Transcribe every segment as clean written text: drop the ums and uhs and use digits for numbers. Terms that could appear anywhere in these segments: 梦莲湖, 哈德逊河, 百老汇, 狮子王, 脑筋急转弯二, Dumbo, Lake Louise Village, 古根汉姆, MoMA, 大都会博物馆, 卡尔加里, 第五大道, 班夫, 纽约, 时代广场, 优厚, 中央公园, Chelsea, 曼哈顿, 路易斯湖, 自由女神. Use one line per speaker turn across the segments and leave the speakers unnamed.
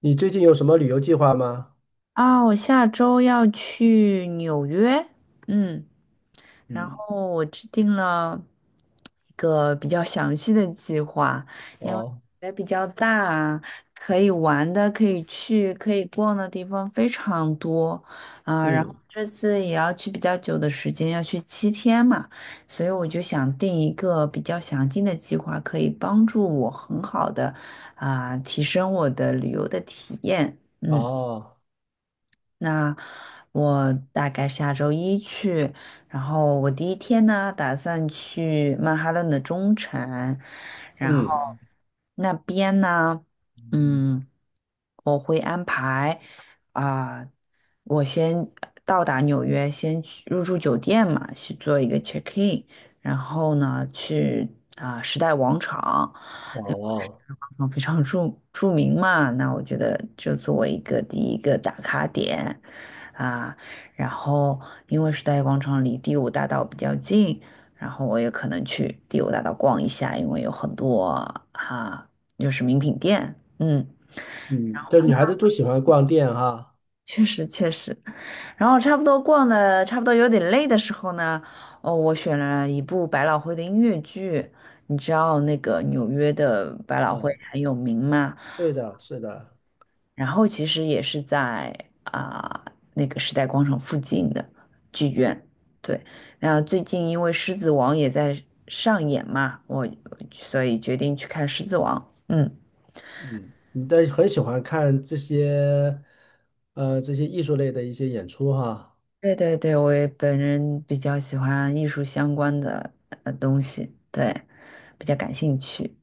你最近有什么旅游计划吗？
啊，我下周要去纽约，嗯，然
嗯，
后我制定了一个比较详细的计划，因为
哦，
也比较大，可以玩的、可以去、可以逛的地方非常多啊。然后
嗯，
这次也要去比较久的时间，要去7天嘛，所以我就想定一个比较详尽的计划，可以帮助我很好的提升我的旅游的体验，嗯。
哦，
那我大概下周一去，然后我第一天呢，打算去曼哈顿的中城，然
嗯，
后
嗯
那边呢，嗯，我会挨啊。我先到达纽约，先去入住酒店嘛，去做一个 check in，然后呢，去时代广场，
哦，嗯
因为
哦嗯
时
哦
代广场非常著名嘛，那我觉得就作为一个第一个打卡点啊。然后因为时代广场离第五大道比较近，然后我也可能去第五大道逛一下，因为有很多哈、啊，就是名品店，嗯，
嗯这女孩子都喜欢逛店哈。
确实确实。然后差不多逛的差不多有点累的时候呢，哦，我选了一部百老汇的音乐剧。你知道那个纽约的百老汇
嗯
很有名嘛？
对的，是的。
然后其实也是在啊、那个时代广场附近的剧院。对，那最近因为《狮子王》也在上演嘛，所以决定去看《狮子王》。嗯。
嗯，你但是很喜欢看这些艺术类的一些演出哈。
对对对，我也本人比较喜欢艺术相关的东西，对，比较感兴趣。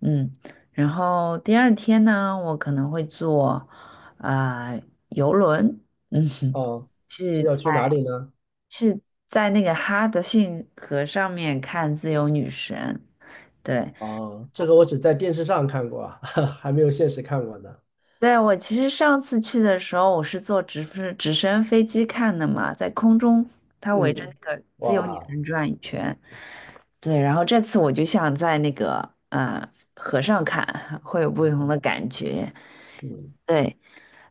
嗯，然后第二天呢，我可能会坐啊、呃、游轮，嗯哼，
哦，
去
这要去哪里呢？
是在那个哈德逊河上面看自由女神。对，
哦，这个我只在电视上看过，还没有现实看过呢。
对，我其实上次去的时候，我是坐直升飞机看的嘛，在空中它围着那
嗯，
个自由女
哇，
神转一圈。对，然后这次我就像在那个河上看，会有不同的感觉。
嗯，
对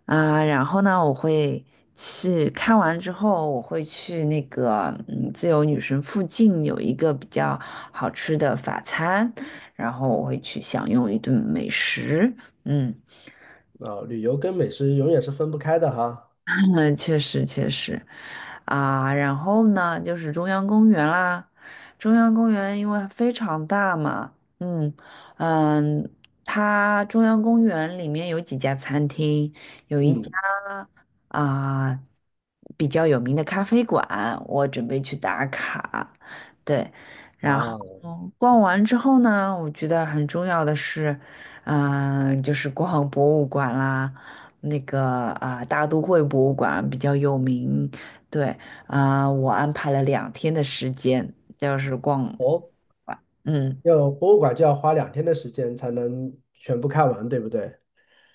然后呢，去看完之后，我会去那个自由女神附近有一个比较好吃的法餐，然后我会去享用一顿美食。嗯，
啊，旅游跟美食永远是分不开的哈。
嗯，确实确实，啊，然后呢，就是中央公园啦。中央公园因为非常大嘛，嗯嗯，它中央公园里面有几家餐厅，有一家
嗯，
啊、比较有名的咖啡馆，我准备去打卡。对，然后
啊，
逛完之后呢，我觉得很重要的是，就是逛博物馆啦。那个大都会博物馆比较有名。对我安排了2天的时间，就是逛，
哦。
嗯。
要博物馆就要花2天的时间才能全部看完，对不对？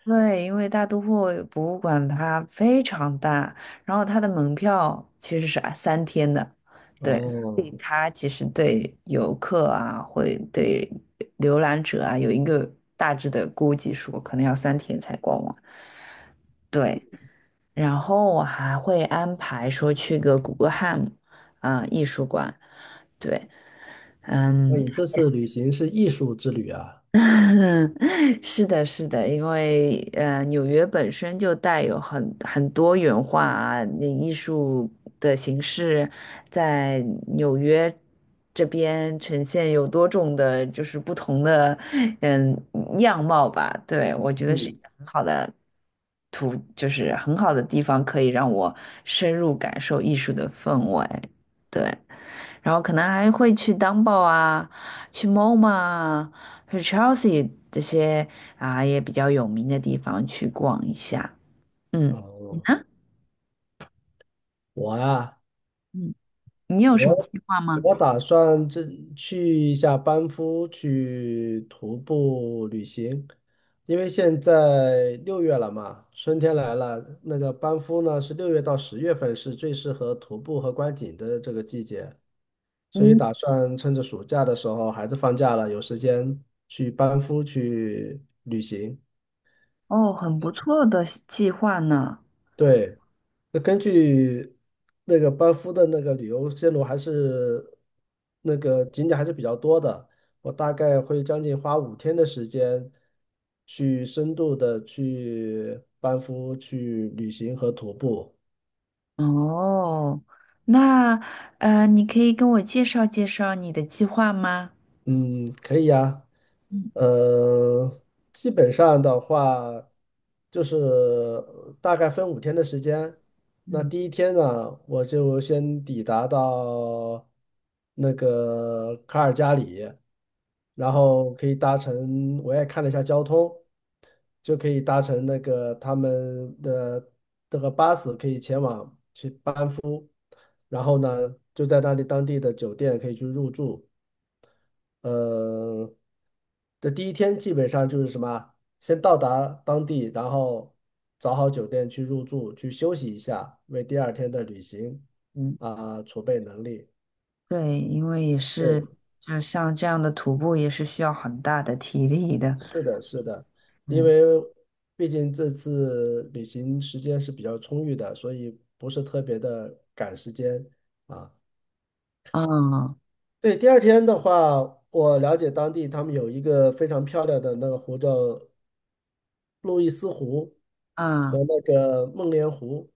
对，因为大都会博物馆它非常大，然后它的门票其实是三天的，对，
哦，
它其实对游客啊，会对浏览者啊有一个大致的估计说，可能要三天才逛完。对，然后我还会安排说去个古根汉姆艺术馆，对，
那
嗯，
你这次旅行是艺术之旅啊。
是的，是的，因为纽约本身就带有很多元化啊那艺术的形式在纽约这边呈现有多种的，就是不同的嗯样貌吧。对，我觉得是一
嗯，
个很好的图，就是很好的地方，可以让我深入感受艺术的氛围。对，然后可能还会去 Dumbo 啊，去 MoMA 啊。和 Chelsea 这些啊也比较有名的地方去逛一下。嗯，你
哦，
呢？
我啊，
嗯，你有什么
我
计划吗？
我打算去一下班夫去徒步旅行，因为现在六月了嘛，春天来了，那个班夫呢是六月到10月份是最适合徒步和观景的这个季节。所以
嗯，
打算趁着暑假的时候，孩子放假了，有时间去班夫去旅行。
哦，很不错的计划呢。
对，那根据那个班夫的那个旅游线路，还是那个景点还是比较多的。我大概会将近花五天的时间，去深度的去班夫去旅行和徒步。
哦，那你可以跟我介绍介绍你的计划吗？
嗯，可以呀。
嗯
呃，基本上的话，就是大概分五天的时间。那
嗯
第一天呢，我就先抵达到那个卡尔加里，然后可以搭乘，我也看了一下交通，就可以搭乘那个他们的这个巴士，可以前往。然后呢，就在那里当地的酒店可以去入住。呃，的第一天基本上就是什么，先到达当地，然后找好酒店去入住，去休息一下，为第二天的旅行
嗯，
啊，储备能力。
对，因为也是，
对，
就像这样的徒步也是需要很大的体力的。
是的，是的，因
嗯，
为毕竟这次旅行时间是比较充裕的，所以不是特别的赶时间啊。
啊
对，第二天的话，我了解当地他们有一个非常漂亮的那个湖叫路易斯湖和
啊，
那个梦莲湖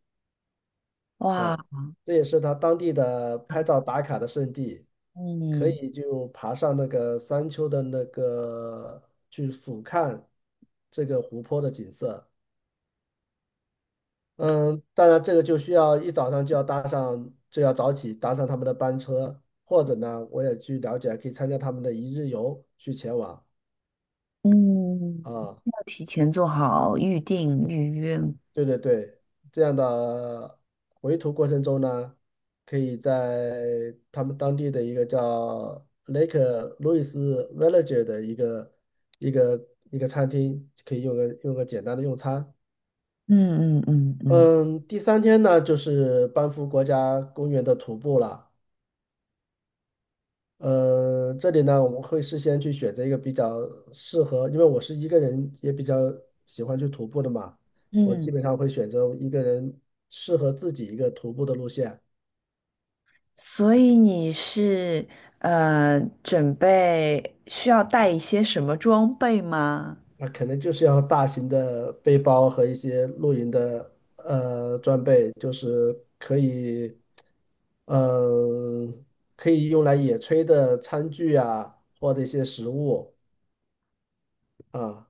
哇，
啊，这也是他当地的拍照打卡的圣地，可
嗯
以就爬上那个山丘的那个去俯瞰这个湖泊的景色。嗯，当然这个就需要一早上就要搭上，就要早起搭上他们的班车，或者呢，我也去了解，可以参加他们的一日游去前往
嗯。
啊。
提前做好预定预约。
对对对，这样的回途过程中呢，可以在他们当地的一个叫 Lake l o u i s Village 的一个一个餐厅，可以用个简单的用餐。
嗯嗯嗯嗯
嗯，第三天呢，就是班夫国家公园的徒步了。这里呢，我们会事先去选择一个比较适合，因为我是一个人，也比较喜欢去徒步的嘛。我基
嗯，
本上会选择一个人适合自己一个徒步的路线。
所以你是准备需要带一些什么装备吗？
那可能就是要大型的背包和一些露营的装备，就是可以，嗯、可以用来野炊的餐具啊，或者一些食物啊。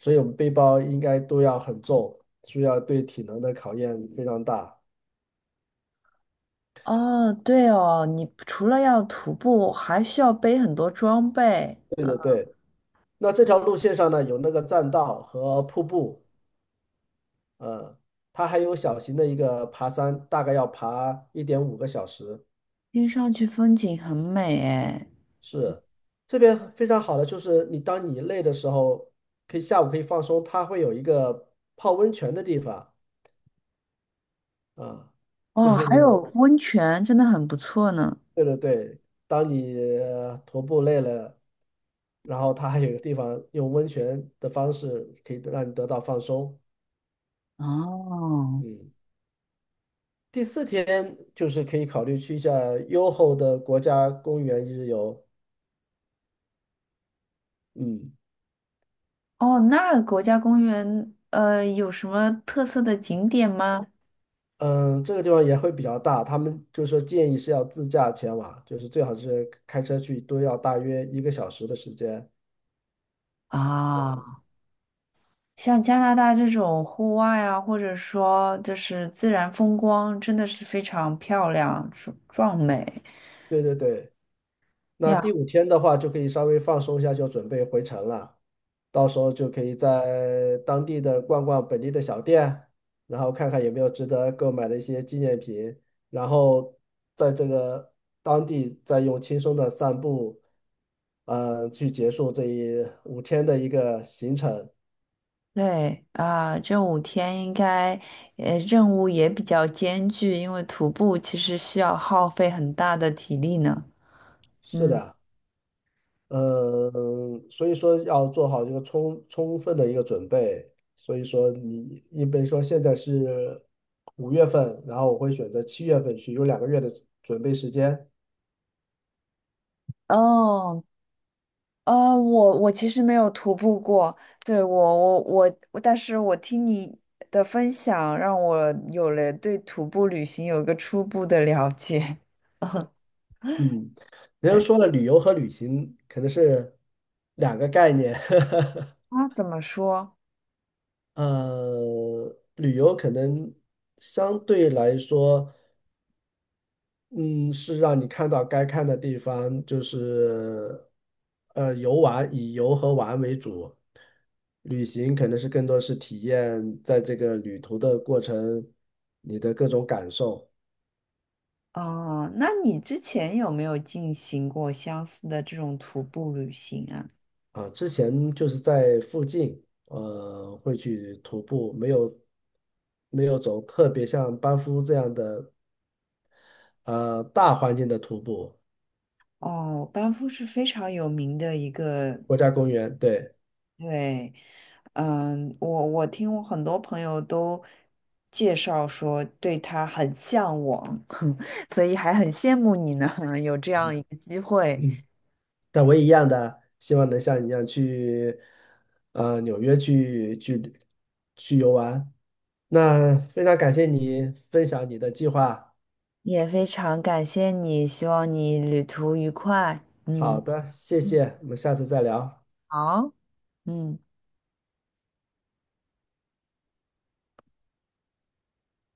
所以我们背包应该都要很重，需要对体能的考验非常大。
哦，对哦，你除了要徒步，还需要背很多装备，
对对对，那这条路线上呢，有那个栈道和瀑布，呃，它还有小型的一个爬山，大概要爬1.5个小时。
听上去风景很美诶。
是，这边非常好的就是你当你累的时候，可以下午可以放松，它会有一个泡温泉的地方啊，就
哦，
是。
还有温泉，真的很不错呢。
对对对，当你徒步累了，然后它还有一个地方用温泉的方式可以让你得到放松。
哦。
嗯，第四天就是可以考虑去一下优厚的国家公园一日游。嗯
哦，那国家公园有什么特色的景点吗？
嗯，这个地方也会比较大，他们就是说建议是要自驾前往，就是最好是开车去，都要大约1个小时的时间。
啊、像加拿大这种户外啊，或者说就是自然风光，真的是非常漂亮、壮美
对对对。那第
呀。
五天的话，就可以稍微放松一下，就准备回程了。到时候就可以在当地的逛逛本地的小店，然后看看有没有值得购买的一些纪念品，然后在这个当地再用轻松的散步，去结束这一五天的一个行程。
对啊，这5天应该，任务也比较艰巨，因为徒步其实需要耗费很大的体力呢。
是
嗯，
的。呃，所以说要做好这个充分的一个准备。所以说你，因为说现在是5月份，然后我会选择7月份去，有2个月的准备时间。
哦，我其实没有徒步过，对，我，但是我听你的分享，让我有了对徒步旅行有一个初步的了解。
嗯，人家
对。
说了，旅游和旅行可能是两个概念。
啊，怎么说？
旅游可能相对来说。嗯，是让你看到该看的地方，就是游玩，以游和玩为主。旅行可能是更多是体验在这个旅途的过程，你的各种感受
哦，那你之前有没有进行过相似的这种徒步旅行啊？
啊。之前就是在附近，会去徒步，没有走特别像班夫这样的大环境的徒步，
哦，班夫是非常有名的一个，
国家公园，对。
对，嗯，我听我很多朋友都介绍说对他很向往，所以还很羡慕你呢，有这样一个机会，
嗯。但我也一样的，希望能像你一样去，纽约去游玩。那非常感谢你分享你的计划。
也非常感谢你，希望你旅途愉快。
好
嗯，
的，谢
嗯，
谢，我们下次再聊。
好，嗯。